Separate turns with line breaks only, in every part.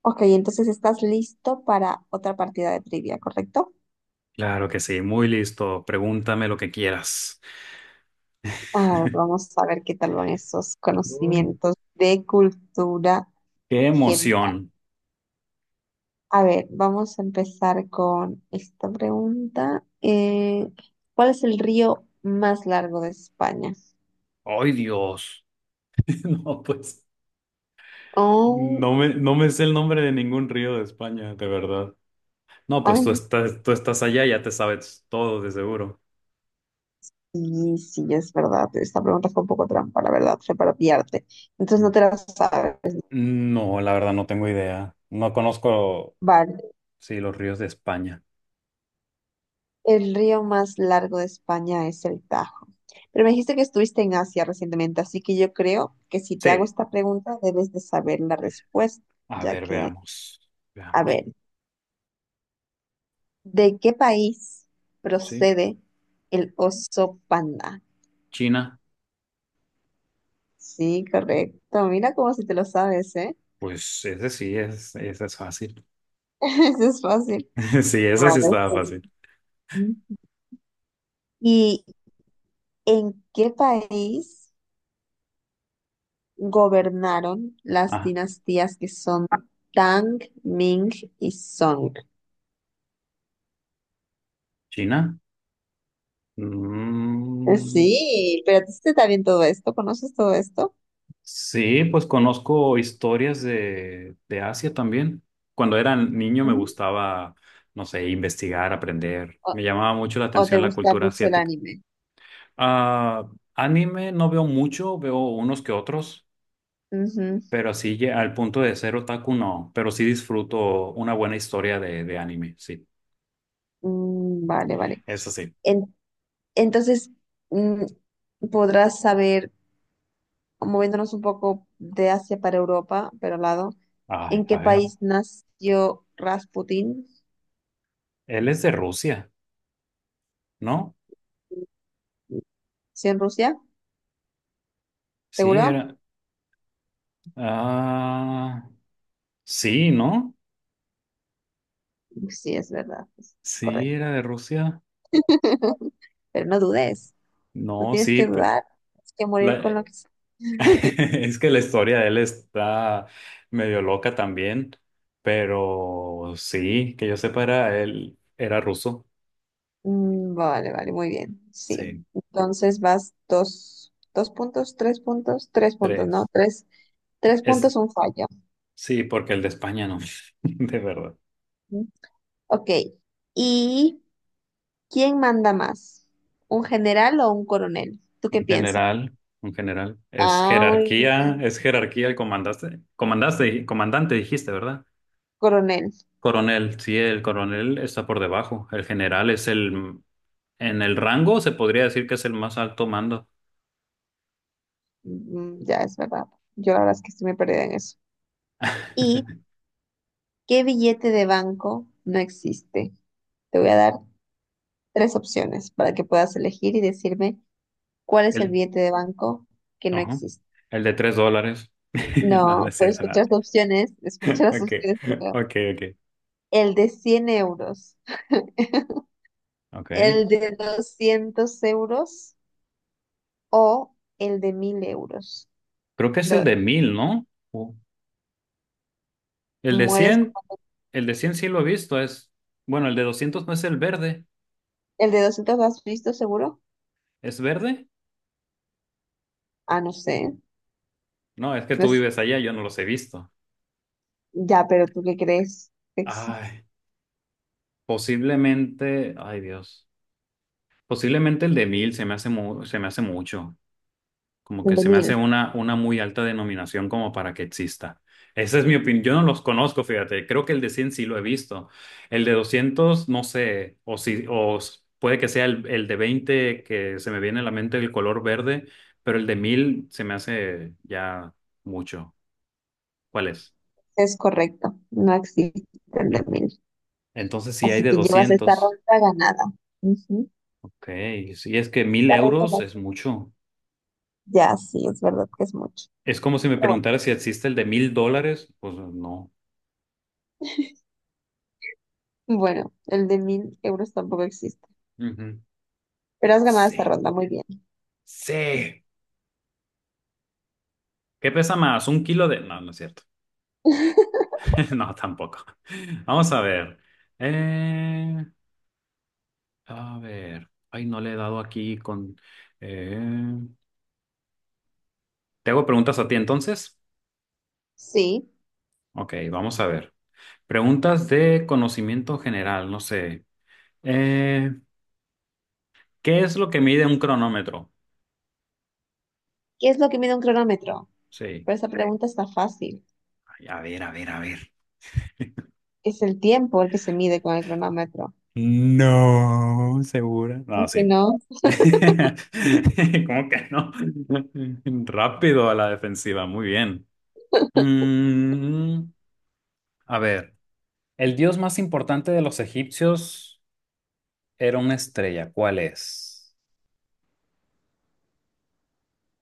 Ok, entonces estás listo para otra partida de trivia, ¿correcto?
Claro que sí, muy listo. Pregúntame lo que quieras.
A ver, vamos a ver qué tal van esos
Mm.
conocimientos de cultura
¡Qué
general.
emoción!
A ver, vamos a empezar con esta pregunta. ¿Cuál es el río más largo de España?
¡Ay, Dios! No, pues
Oh,
no me sé el nombre de ningún río de España, de verdad. No, pues tú
ay,
estás, tú estás allá, ya te sabes todo, de seguro.
sí, sí, es verdad. Esta pregunta fue un poco trampa, la verdad, fue para pillarte. Entonces no te la sabes, ¿no?
No, la verdad no tengo idea. No conozco,
Vale.
sí, los ríos de España.
El río más largo de España es el Tajo. Pero me dijiste que estuviste en Asia recientemente, así que yo creo que si te hago
Sí,
esta pregunta debes de saber la respuesta,
a
ya
ver,
que,
veamos.
a
Veamos.
ver, ¿de qué país
Sí,
procede el oso panda?
China.
Sí, correcto. Mira cómo si te lo sabes, ¿eh?
Pues ese sí es, ese es fácil.
Eso es fácil.
Sí, ese sí
Vale,
estaba
pues.
fácil.
¿Y en qué país gobernaron las
Ah,
dinastías que son Tang, Ming y Song?
China. Mm,
Sí, pero a ti sí te está bien todo esto, ¿conoces todo esto?
sí, pues conozco historias de Asia también. Cuando era niño me
Mm.
gustaba, no sé, investigar, aprender.
¿O,
Me llamaba mucho la
o te
atención la
gusta
cultura
mucho el
asiática.
anime?
Ah, anime no veo mucho, veo unos que otros,
Ujú.
pero así ya al punto de ser otaku no, pero sí disfruto una buena historia de anime, sí.
Mm, vale, vale.
Eso sí.
En- entonces, mm, podrás saber, moviéndonos un poco de Asia para Europa, pero al lado,
Ay,
¿en
a
qué
ver.
país nació Rasputin?
Él es de Rusia, ¿no?
¿Sí en Rusia?
Sí,
¿Seguro?
era. Ah. Sí, ¿no?
Sí, es verdad, es
Sí, era
correcto.
de Rusia.
Pero no dudes, no
No,
tienes
sí.
que dudar, tienes que morir
La-
con lo que
es que la historia de él está medio loca también, pero sí, que yo sepa, era él, era ruso.
Mm, vale, vale, muy bien. Sí.
Sí,
Entonces vas dos, dos puntos, tres puntos, tres puntos, ¿no?
tres.
Tres, tres puntos,
Es,
un fallo.
sí, porque el de España no, de verdad.
Ujú. Ok. ¿Y quién manda más? ¿Un general o un coronel? ¿Tú qué
Un
piensas?
general, un general.
Ah, muy bien.
Es jerarquía el comandante, comandaste, comandante dijiste, ¿verdad?
Coronel.
Coronel, sí, el coronel está por debajo. El general es el. En el rango se podría decir que es el más alto mando.
Mm, ya es verdad. Yo la verdad es que estoy muy perdida en eso. ¿Y qué billete de banco no existe? Te voy a dar tres opciones para que puedas elegir y decirme cuál es el
El,
billete de banco que no
ajá,
existe.
el de $3. No, no
No,
es
pero
cierto.
escucha
Nada.
las opciones, escucha las
Okay,
opciones, primero.
okay, okay,
El de 100 euros,
okay.
el de 200 € o el de 1000 euros.
Creo que es el
De-
de 1.000, ¿no? O- El de
¿Mueres?
100, el de cien sí lo he visto. Es, bueno, el de 200 no es el verde.
¿El de doscientos lo has visto seguro?
¿Es verde?
Ah, no sé.
No, es que
No
tú
es-
vives allá, yo no los he visto.
ya, pero ¿tú qué crees? Existe
Ay, posiblemente, ay Dios. Posiblemente el de mil se me hace mu- se me hace mucho. Como
el
que
de
se me hace
1.000.
una muy alta denominación como para que exista. Esa es mi opinión. Yo no los conozco, fíjate. Creo que el de 100 sí lo he visto. El de 200 no sé. O si, puede que sea el de 20 que se me viene a la mente el color verde, pero el de 1.000 se me hace ya mucho. ¿Cuál es?
Es correcto, no existe el de 1.000.
Entonces sí hay
Así
de
que llevas esta
200.
ronda ganada. Ujú.
Ok. Si es que 1000
La ronda
euros es
ganada.
mucho.
Ya, sí, es verdad que es mucho.
Es como si me
Pero bueno,
preguntara si existe el de $1.000. Pues no.
bueno, el de 1.000 € tampoco existe.
Ujú.
Pero has ganado esta
Sí.
ronda, muy bien.
Sí. ¿Qué pesa más? ¿Un kilo de...? No, no es cierto. No, tampoco. Vamos a ver. Eh, a ver. Ay, no le he dado aquí con... eh, ¿te hago preguntas a ti entonces?
Sí.
Ok, vamos a ver. Preguntas de conocimiento general, no sé. Eh, ¿Qué es lo que mide un cronómetro?
¿Qué es lo que mide un cronómetro?
Sí.
Pero esa pregunta está fácil.
Ay, a ver, a ver, a ver.
Es el tiempo el que se mide con el cronómetro.
No, segura. No,
Aunque
sí.
no,
¿Cómo que no? Rápido a la defensiva, muy bien. Mm, a ver, el dios más importante de los egipcios era una estrella. ¿Cuál es?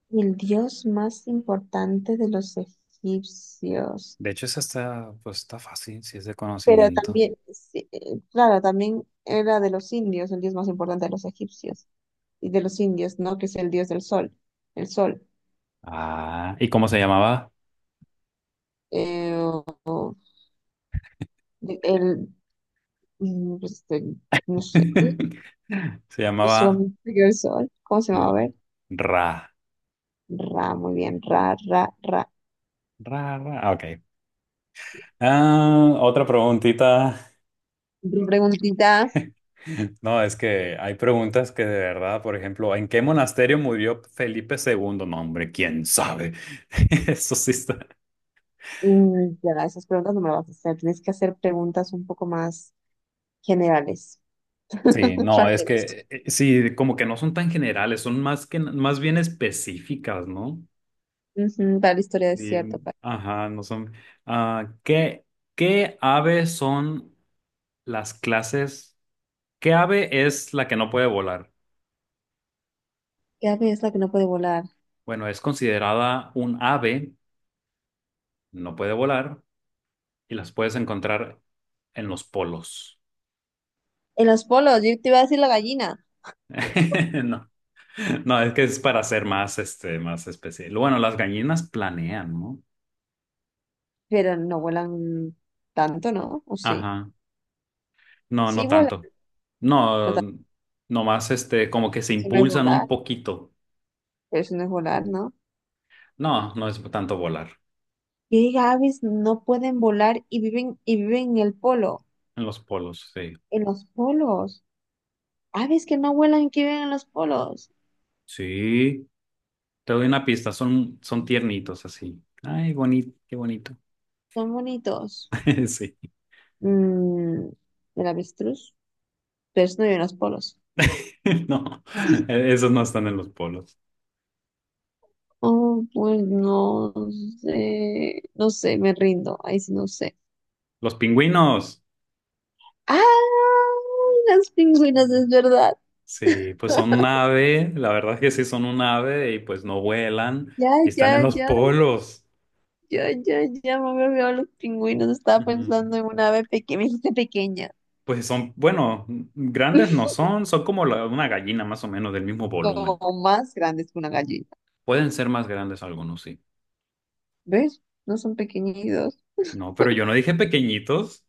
el dios más importante de los egipcios.
De hecho, esa está, pues está fácil, si es de
Pero
conocimiento.
también, sí, claro, también era de los indios, el dios más importante de los egipcios y de los indios, ¿no? Que es el dios del sol, el sol.
Ah, ¿y cómo se llamaba?
Eh, o- o- de- el, mm, este, no sé,
Se
yo
llamaba
solamente digo el sol. ¿Cómo se
mm,
llama? Ver.
Ra.
Ra, muy bien, ra, ra, ra.
Ra, Ra. Ah, ok. Ah, otra preguntita.
Preguntitas,
No, es que hay preguntas que de verdad, por ejemplo, ¿en qué monasterio murió Felipe II? No, hombre, quién sabe. Eso sí está.
ya esas preguntas no me las vas a hacer, tienes que hacer preguntas un poco más generales,
Sí, no, es
rápidas.
que sí, como que no son tan generales, son más que más bien específicas, ¿no?
Ujú, para la historia es cierto.
Y,
Para...
ajá, no son. Ah, ¿qué, qué ave son las clases? ¿Qué ave es la que no puede volar?
¿Qué ave es la que no puede volar?
Bueno, es considerada un ave, no puede volar, y las puedes encontrar en los polos.
En los polos, yo te iba a decir la gallina,
No, no, es que es para ser más, este, más especial. Bueno, las gallinas planean, ¿no?
pero no vuelan tanto, ¿no? ¿O sí?
Ajá, no, no
Sí vuelan,
tanto.
no tanto,
No, nomás este, como que se
eso no es
impulsan un
volar,
poquito.
pero eso no es volar, ¿no?
No, no es tanto volar.
¿Qué aves no pueden volar y viven en el polo?
En los polos, sí.
En los polos. Aves que no vuelan y que viven en los polos.
Sí, te doy una pista, son tiernitos así. Ay, bonito, qué bonito.
Son bonitos.
Sí,
Mm, el avestruz, pero eso no lleva los polos.
no, esos no están en los polos.
Oh, pues no sé, no sé, me rindo, ahí sí no sé.
Los pingüinos.
¡Ah! Las pingüinas,
Mm.
es verdad.
Sí, pues son un ave, la verdad es que sí son un ave y pues no vuelan
Ya,
y están en
ya,
los
ya,
polos.
ya, ya, ya me había olvidado los pingüinos. Estaba
Ujú.
pensando en una ave pequeña, me dijiste pequeña,
Pues son, bueno, grandes no son, son como una gallina más o menos del mismo volumen.
o más grandes que una gallina.
Pueden ser más grandes algunos, sí.
¿Ves? No son pequeñitos.
No, pero yo no dije pequeñitos.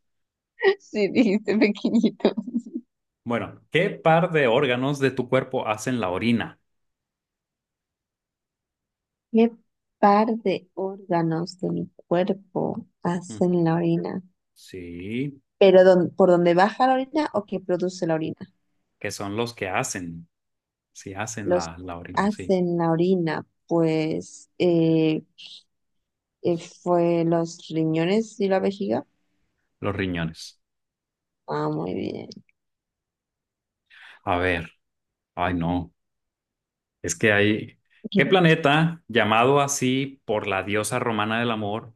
Sí, dijiste pequeñitos.
Bueno, ¿qué par de órganos de tu cuerpo hacen la orina?
¿Qué par de órganos de mi cuerpo
Mm,
hacen la orina?
Sí,
¿Pero por dónde baja la orina o qué produce la orina?
que son los que hacen, sí hacen
Los
la orina, sí,
hacen la orina, pues fue los riñones y la vejiga.
los riñones.
Ah, muy bien.
A ver, ay no, es que hay...
Ok.
¿Qué planeta, llamado así por la diosa romana del amor,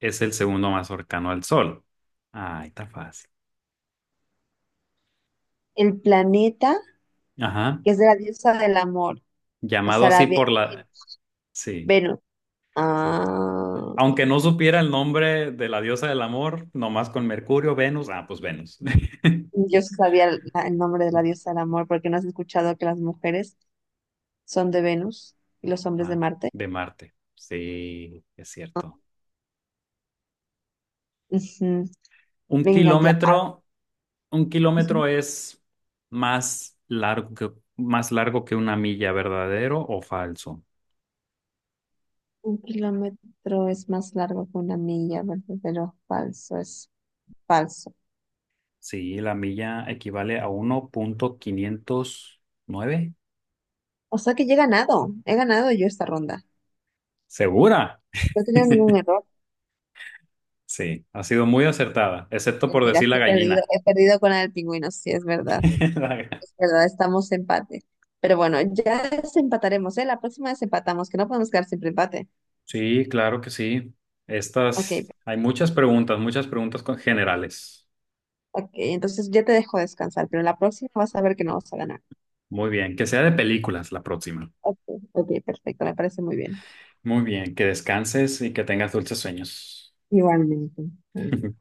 es el segundo más cercano al Sol? Ay, está fácil.
El planeta,
Ajá.
que es de la diosa del amor, o
Llamado
sea, la
así por
de
la... Sí,
Venus.
sí. Aunque
Ah,
no supiera el nombre de la diosa del amor, nomás con Mercurio, Venus, ah, pues Venus.
yo sí sabía el el nombre de la diosa del amor porque no has escuchado que las mujeres son de Venus y los hombres de
Ah,
Marte.
de Marte. Sí, es cierto.
Ujú.
Un
Venga ya.
kilómetro, un
Ujú.
kilómetro es más largo que, más largo que una milla, ¿verdadero o falso?
Un kilómetro es más largo que una milla, ¿verdadero o falso? Es falso.
Sí, la milla equivale a 1,509.
O sea que ya he ganado yo esta ronda.
¿Segura?
No he tenido ningún error.
Sí, ha sido muy acertada, excepto por
Mentira,
decir la
sí
gallina.
he perdido con la del pingüino, sí, es verdad. Es verdad, estamos empate. Pero bueno, ya desempataremos, ¿eh? La próxima desempatamos, que no podemos quedar siempre empate.
Sí, claro que sí.
Ok,
Estas, hay muchas preguntas generales.
ok, entonces ya te dejo descansar, pero la próxima vas a ver que no vas a ganar.
Muy bien, que sea de películas la próxima.
Ok, ok, perfecto, me parece muy bien.
Muy bien, que descanses y que tengas dulces sueños.
Igualmente. Ah.